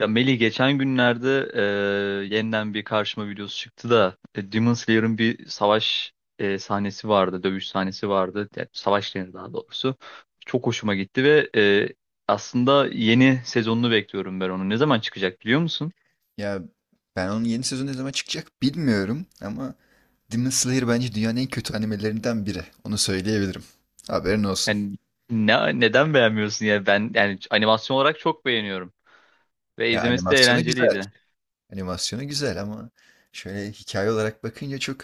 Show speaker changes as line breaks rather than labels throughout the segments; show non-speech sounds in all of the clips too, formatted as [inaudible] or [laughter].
Ya Melih geçen günlerde yeniden bir karşıma videosu çıktı da Demon Slayer'ın bir savaş sahnesi vardı, dövüş sahnesi vardı. Yani savaş denir daha doğrusu. Çok hoşuma gitti ve aslında yeni sezonunu bekliyorum ben onu. Ne zaman çıkacak biliyor musun?
Ya ben onun yeni sezonu ne zaman çıkacak bilmiyorum ama Demon Slayer bence dünyanın en kötü animelerinden biri. Onu söyleyebilirim. Haberin olsun.
Yani neden beğenmiyorsun ya? Ben yani animasyon olarak çok beğeniyorum ve
Ya
izlemesi de
animasyonu güzel.
eğlenceliydi.
Animasyonu güzel ama şöyle hikaye olarak bakınca çok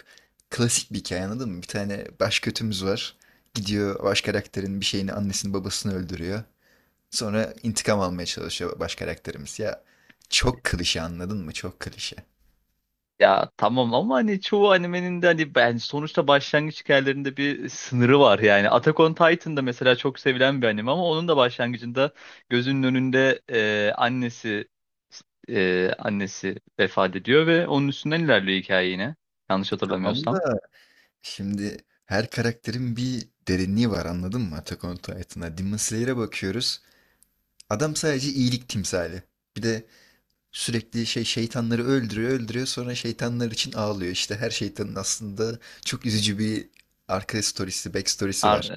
klasik bir hikaye anladın mı? Bir tane baş kötümüz var. Gidiyor baş karakterin bir şeyini annesini babasını öldürüyor. Sonra intikam almaya çalışıyor baş karakterimiz. Ya çok klişe anladın mı? Çok klişe.
Ya tamam ama hani çoğu animenin de hani ben sonuçta başlangıç hikayelerinde bir sınırı var yani. Attack on Titan'da mesela çok sevilen bir anime ama onun da başlangıcında gözünün önünde annesi vefat ediyor ve onun üstünden ilerliyor hikaye yine. Yanlış
Tamam
hatırlamıyorsam.
da şimdi her karakterin bir derinliği var anladın mı Attack on Titan'a? Demon Slayer'e bakıyoruz. Adam sadece iyilik timsali. Bir de sürekli şey şeytanları öldürüyor öldürüyor sonra şeytanlar için ağlıyor. İşte her şeytanın aslında çok üzücü bir arka storiesi, backstory'si var.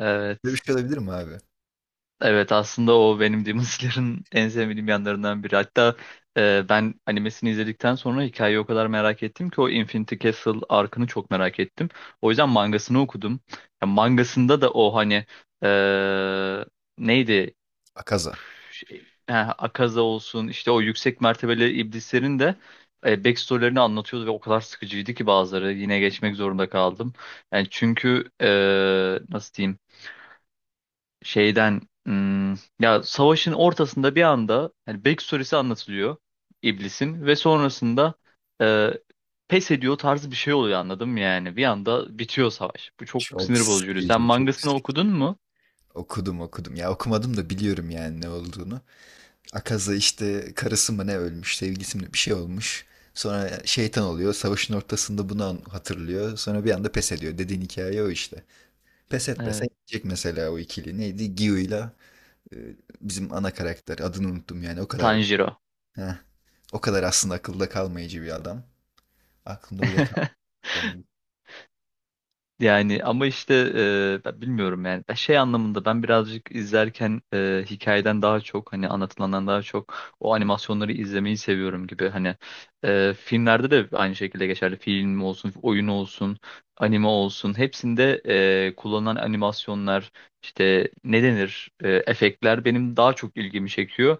Böyle bir
Evet.
şey olabilir mi abi?
Evet aslında o benim Demon Slayer'ın en sevmediğim yanlarından biri. Hatta ben animesini izledikten sonra hikayeyi o kadar merak ettim ki o Infinity Castle arkını çok merak ettim. O yüzden mangasını okudum. Ya, mangasında da o hani e, neydi
Akaza.
şey, ha, Akaza olsun işte o yüksek mertebeli iblislerin de backstory'lerini anlatıyordu ve o kadar sıkıcıydı ki bazıları yine geçmek zorunda kaldım. Yani çünkü nasıl diyeyim şeyden ya savaşın ortasında bir anda yani backstory'si anlatılıyor iblisin ve sonrasında e, pes ediyor tarzı bir şey oluyor anladım yani bir anda bitiyor savaş. Bu çok
Çok
sinir bozucu. Sen
sıkıcı, çok
mangasını
sıkıcı.
okudun mu?
Okudum okudum. Ya okumadım da biliyorum yani ne olduğunu. Akaza işte karısı mı ne ölmüş, sevgilisi mi bir şey olmuş. Sonra şeytan oluyor. Savaşın ortasında bunu hatırlıyor. Sonra bir anda pes ediyor. Dediğin hikaye o işte. Pes etmese
E,
gidecek mesela o ikili. Neydi? Gyu'yla e, bizim ana karakter. Adını unuttum yani. O kadar
Tanjiro.
heh, o kadar aslında akılda kalmayıcı bir adam. Aklımda bile kal
[laughs]
adam.
Yani ama işte ben bilmiyorum yani. Ben şey anlamında ben birazcık izlerken hikayeden daha çok hani anlatılandan daha çok o animasyonları izlemeyi seviyorum gibi hani filmlerde de aynı şekilde geçerli film olsun oyun olsun anime olsun hepsinde kullanılan animasyonlar işte ne denir efektler benim daha çok ilgimi çekiyor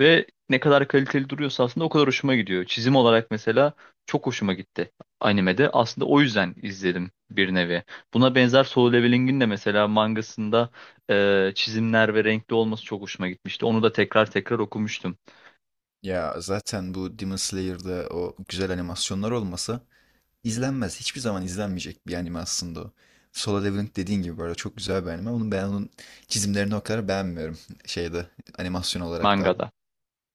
ve ne kadar kaliteli duruyorsa aslında o kadar hoşuma gidiyor çizim olarak mesela çok hoşuma gitti animede. Aslında o yüzden izledim bir nevi. Buna benzer Solo Leveling'in de mesela mangasında çizimler ve renkli olması çok hoşuma gitmişti. Onu da tekrar tekrar okumuştum
Ya zaten bu Demon Slayer'da o güzel animasyonlar olmasa izlenmez. Hiçbir zaman izlenmeyecek bir anime aslında o. Solo Leveling dediğin gibi bu arada çok güzel bir anime. Onun ben onun çizimlerini o kadar beğenmiyorum. [laughs] Şeyde animasyon olarak da.
mangada.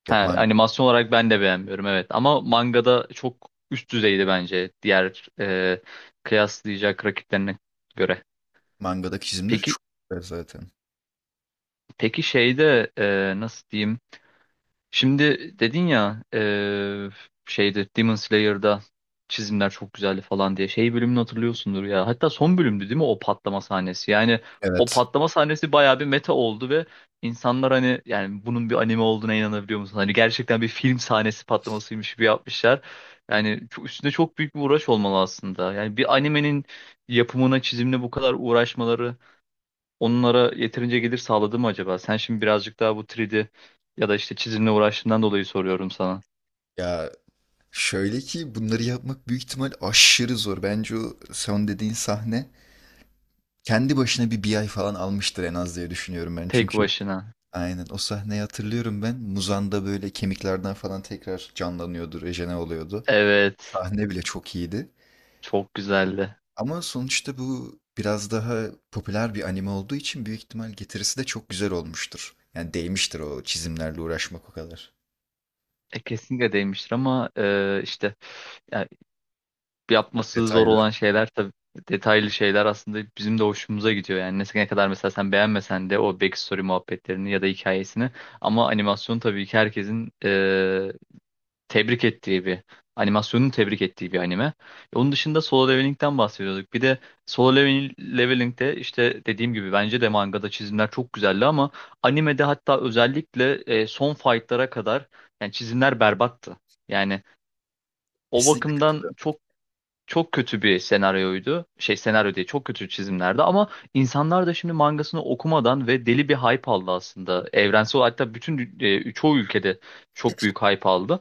Yok,
Ha, animasyon olarak ben de beğenmiyorum evet ama mangada çok üst düzeydi bence diğer kıyaslayacak rakiplerine göre.
mangadaki çizimleri
Peki
çok güzel zaten.
peki şeyde nasıl diyeyim? Şimdi dedin ya şeyde Demon Slayer'da çizimler çok güzeldi falan diye şey bölümünü hatırlıyorsundur ya. Hatta son bölümdü değil mi o patlama sahnesi? Yani o
Evet.
patlama sahnesi bayağı bir meta oldu ve insanlar hani yani bunun bir anime olduğuna inanabiliyor musun? Hani gerçekten bir film sahnesi patlamasıymış gibi yapmışlar. Yani üstünde çok büyük bir uğraş olmalı aslında. Yani bir animenin yapımına, çizimine bu kadar uğraşmaları onlara yeterince gelir sağladı mı acaba? Sen şimdi birazcık daha bu 3D ya da işte çizimle uğraştığından dolayı soruyorum sana.
Ya şöyle ki bunları yapmak büyük ihtimal aşırı zor. Bence o son dediğin sahne kendi başına bir ay falan almıştır en az diye düşünüyorum ben.
Tek
Çünkü
başına.
aynen o sahneyi hatırlıyorum ben. Muzan'da böyle kemiklerden falan tekrar canlanıyordu, rejene oluyordu. O
Evet.
sahne bile çok iyiydi.
Çok güzeldi.
Ama sonuçta bu biraz daha popüler bir anime olduğu için büyük ihtimal getirisi de çok güzel olmuştur. Yani değmiştir o çizimlerle uğraşmak o kadar.
E, kesinlikle değmiştir ama işte yani yapması zor
Detaylı.
olan şeyler tabii detaylı şeyler aslında bizim de hoşumuza gidiyor. Yani ne kadar mesela sen beğenmesen de o backstory muhabbetlerini ya da hikayesini ama animasyon tabii ki herkesin tebrik ettiği bir animasyonun tebrik ettiği bir anime. Onun dışında Solo Leveling'den bahsediyorduk. Bir de Solo Leveling'de işte dediğim gibi bence de mangada çizimler çok güzeldi ama animede hatta özellikle son fight'lara kadar yani çizimler berbattı. Yani o
Kesinlikle
bakımdan
katılıyorum.
çok çok kötü bir senaryoydu. Şey senaryo diye çok kötü çizimlerdi ama insanlar da şimdi mangasını okumadan ve deli bir hype aldı aslında. Evrensel hatta bütün çoğu ülkede çok büyük hype aldı.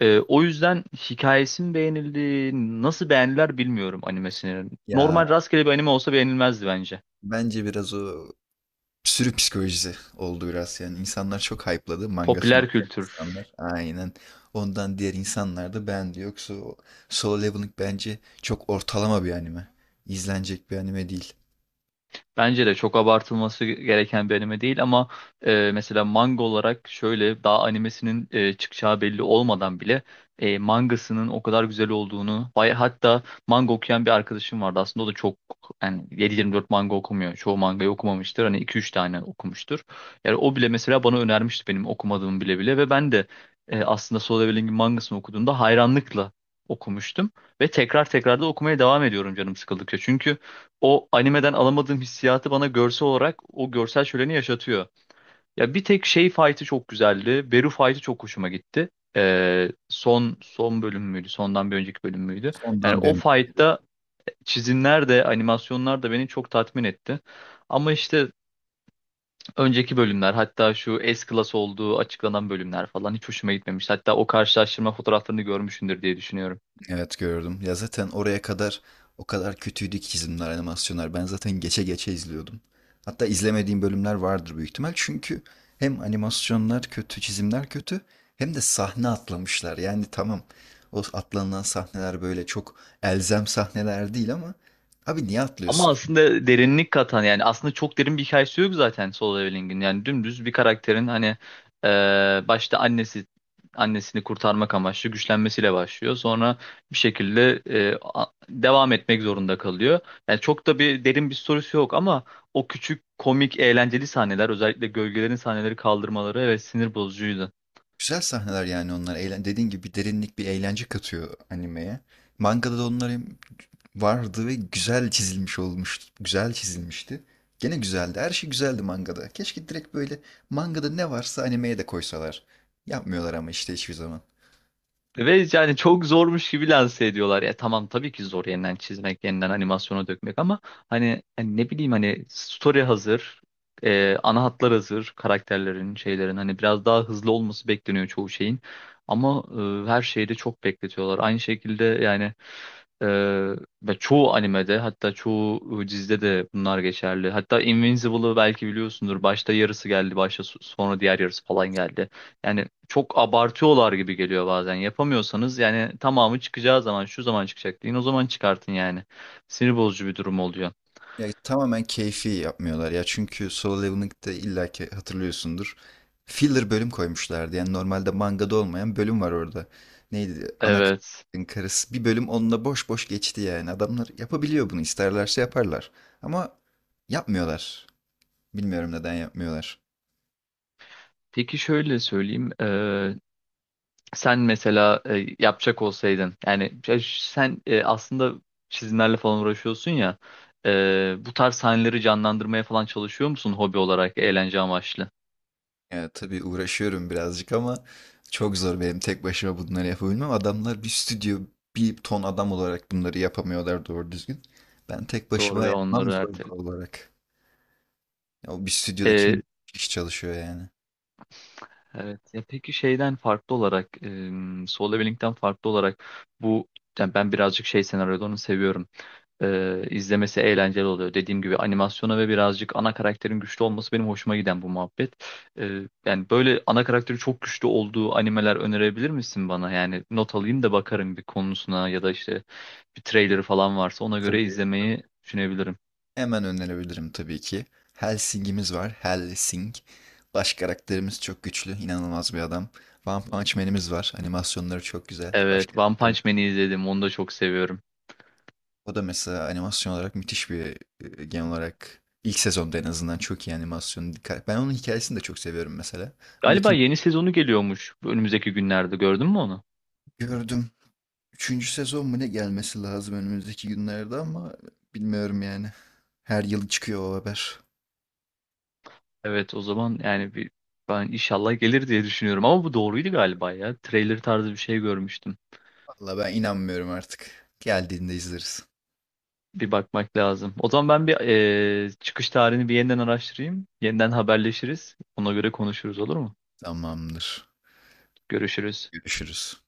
O yüzden hikayesi mi beğenildi, nasıl beğendiler bilmiyorum animesini.
Ya
Normal rastgele bir anime olsa beğenilmezdi bence.
bence biraz o sürü psikolojisi oldu biraz. Yani insanlar çok hype'ladı. Mangasını
Popüler
okuyan
kültür.
insanlar. Aynen. Ondan diğer insanlar da beğendi. Yoksa o Solo Leveling bence çok ortalama bir anime. İzlenecek bir anime değil.
Bence de çok abartılması gereken bir anime değil ama mesela manga olarak şöyle daha animesinin çıkacağı belli olmadan bile mangasının o kadar güzel olduğunu bay hatta manga okuyan bir arkadaşım vardı aslında o da çok yani 7-24 manga okumuyor çoğu mangayı okumamıştır hani 2-3 tane okumuştur yani o bile mesela bana önermişti benim okumadığım bile bile ve ben de aslında Solo Leveling'in mangasını okuduğumda hayranlıkla okumuştum ve tekrar tekrar da okumaya devam ediyorum canım sıkıldıkça çünkü o animeden alamadığım hissiyatı bana görsel olarak o görsel şöleni yaşatıyor. Ya bir tek şey fight'ı çok güzeldi. Beru fight'ı çok hoşuma gitti. Son son bölüm müydü? Sondan bir önceki bölüm müydü? Yani
Ondan
o
bir
fight'ta çizimler de animasyonlar da beni çok tatmin etti. Ama işte önceki bölümler hatta şu S-Class olduğu açıklanan bölümler falan hiç hoşuma gitmemiş. Hatta o karşılaştırma fotoğraflarını görmüşsündür diye düşünüyorum.
Evet, gördüm. Ya zaten oraya kadar o kadar kötüydü ki çizimler, animasyonlar. Ben zaten geçe geçe izliyordum. Hatta izlemediğim bölümler vardır büyük ihtimal. Çünkü hem animasyonlar kötü, çizimler kötü hem de sahne atlamışlar. Yani tamam o atlanılan sahneler böyle çok elzem sahneler değil ama abi niye
Ama
atlıyorsun?
aslında derinlik katan yani aslında çok derin bir hikayesi yok zaten Solo Leveling'in. Yani dümdüz bir karakterin hani başta annesini kurtarmak amaçlı güçlenmesiyle başlıyor. Sonra bir şekilde devam etmek zorunda kalıyor. Yani çok da bir derin bir sorusu yok ama o küçük komik eğlenceli sahneler özellikle gölgelerin sahneleri kaldırmaları evet sinir bozucuydu.
Güzel sahneler yani onlar. Dediğin gibi bir derinlik, bir eğlence katıyor animeye. Mangada da onlar hem vardı ve güzel çizilmiş olmuştu. Güzel çizilmişti. Gene güzeldi. Her şey güzeldi mangada. Keşke direkt böyle mangada ne varsa animeye de koysalar. Yapmıyorlar ama işte hiçbir zaman.
Ve yani çok zormuş gibi lanse ediyorlar. Ya tamam tabii ki zor yeniden çizmek, yeniden animasyona dökmek ama hani ne bileyim hani story hazır, ana hatlar hazır, karakterlerin, şeylerin hani biraz daha hızlı olması bekleniyor çoğu şeyin. Ama her şeyi de çok bekletiyorlar. Aynı şekilde yani ee, ve çoğu animede hatta çoğu dizide de bunlar geçerli. Hatta Invincible'ı belki biliyorsundur. Başta yarısı geldi, başta sonra diğer yarısı falan geldi. Yani çok abartıyorlar gibi geliyor bazen. Yapamıyorsanız yani tamamı çıkacağı zaman şu zaman çıkacak deyin o zaman çıkartın yani. Sinir bozucu bir durum oluyor.
Ya tamamen keyfi yapmıyorlar ya çünkü Solo Leveling'de illa ki hatırlıyorsundur. Filler bölüm koymuşlardı. Yani normalde mangada olmayan bölüm var orada. Neydi? Ana
Evet.
karakterin karısı. Bir bölüm onunla boş boş geçti yani. Adamlar yapabiliyor bunu. İsterlerse yaparlar. Ama yapmıyorlar. Bilmiyorum neden yapmıyorlar.
Peki şöyle söyleyeyim. Sen mesela yapacak olsaydın yani ya sen aslında çizimlerle falan uğraşıyorsun ya bu tarz sahneleri canlandırmaya falan çalışıyor musun hobi olarak eğlence amaçlı?
Ya tabii uğraşıyorum birazcık ama çok zor benim tek başıma bunları yapabilmem. Adamlar bir stüdyo, bir ton adam olarak bunları yapamıyorlar doğru düzgün. Ben tek
Doğru
başıma
ve
yapmam
onları
zor
ertele.
doğal olarak. Ya o bir stüdyoda kim kişi çalışıyor yani.
Evet. Ya peki şeyden farklı olarak, Solo Leveling'den farklı olarak bu yani ben birazcık şey senaryolarını seviyorum. İzlemesi eğlenceli oluyor. Dediğim gibi animasyona ve birazcık ana karakterin güçlü olması benim hoşuma giden bu muhabbet. Yani böyle ana karakteri çok güçlü olduğu animeler önerebilir misin bana? Yani not alayım da bakarım bir konusuna ya da işte bir trailerı falan varsa ona göre
Tabii.
izlemeyi düşünebilirim.
Hemen önerebilirim tabii ki. Helsing'imiz var. Helsing. Baş karakterimiz çok güçlü. İnanılmaz bir adam. One Punch Man'imiz var. Animasyonları çok güzel. Baş
Evet, One
karakterimiz.
Punch Man'i izledim. Onu da çok seviyorum.
O da mesela animasyon olarak müthiş bir genel olarak ilk sezonda en azından çok iyi animasyon. Ben onun hikayesini de çok seviyorum mesela. Ama
Galiba
ikinci
yeni sezonu geliyormuş önümüzdeki günlerde gördün mü onu?
Gördüm. Üçüncü sezon mu ne gelmesi lazım önümüzdeki günlerde ama bilmiyorum yani. Her yıl çıkıyor o haber.
Evet, o zaman yani bir ben inşallah gelir diye düşünüyorum ama bu doğruydu galiba ya. Trailer tarzı bir şey görmüştüm.
Valla ben inanmıyorum artık. Geldiğinde izleriz.
Bir bakmak lazım. O zaman ben bir çıkış tarihini bir yeniden araştırayım. Yeniden haberleşiriz. Ona göre konuşuruz, olur mu?
Tamamdır.
Görüşürüz.
Görüşürüz.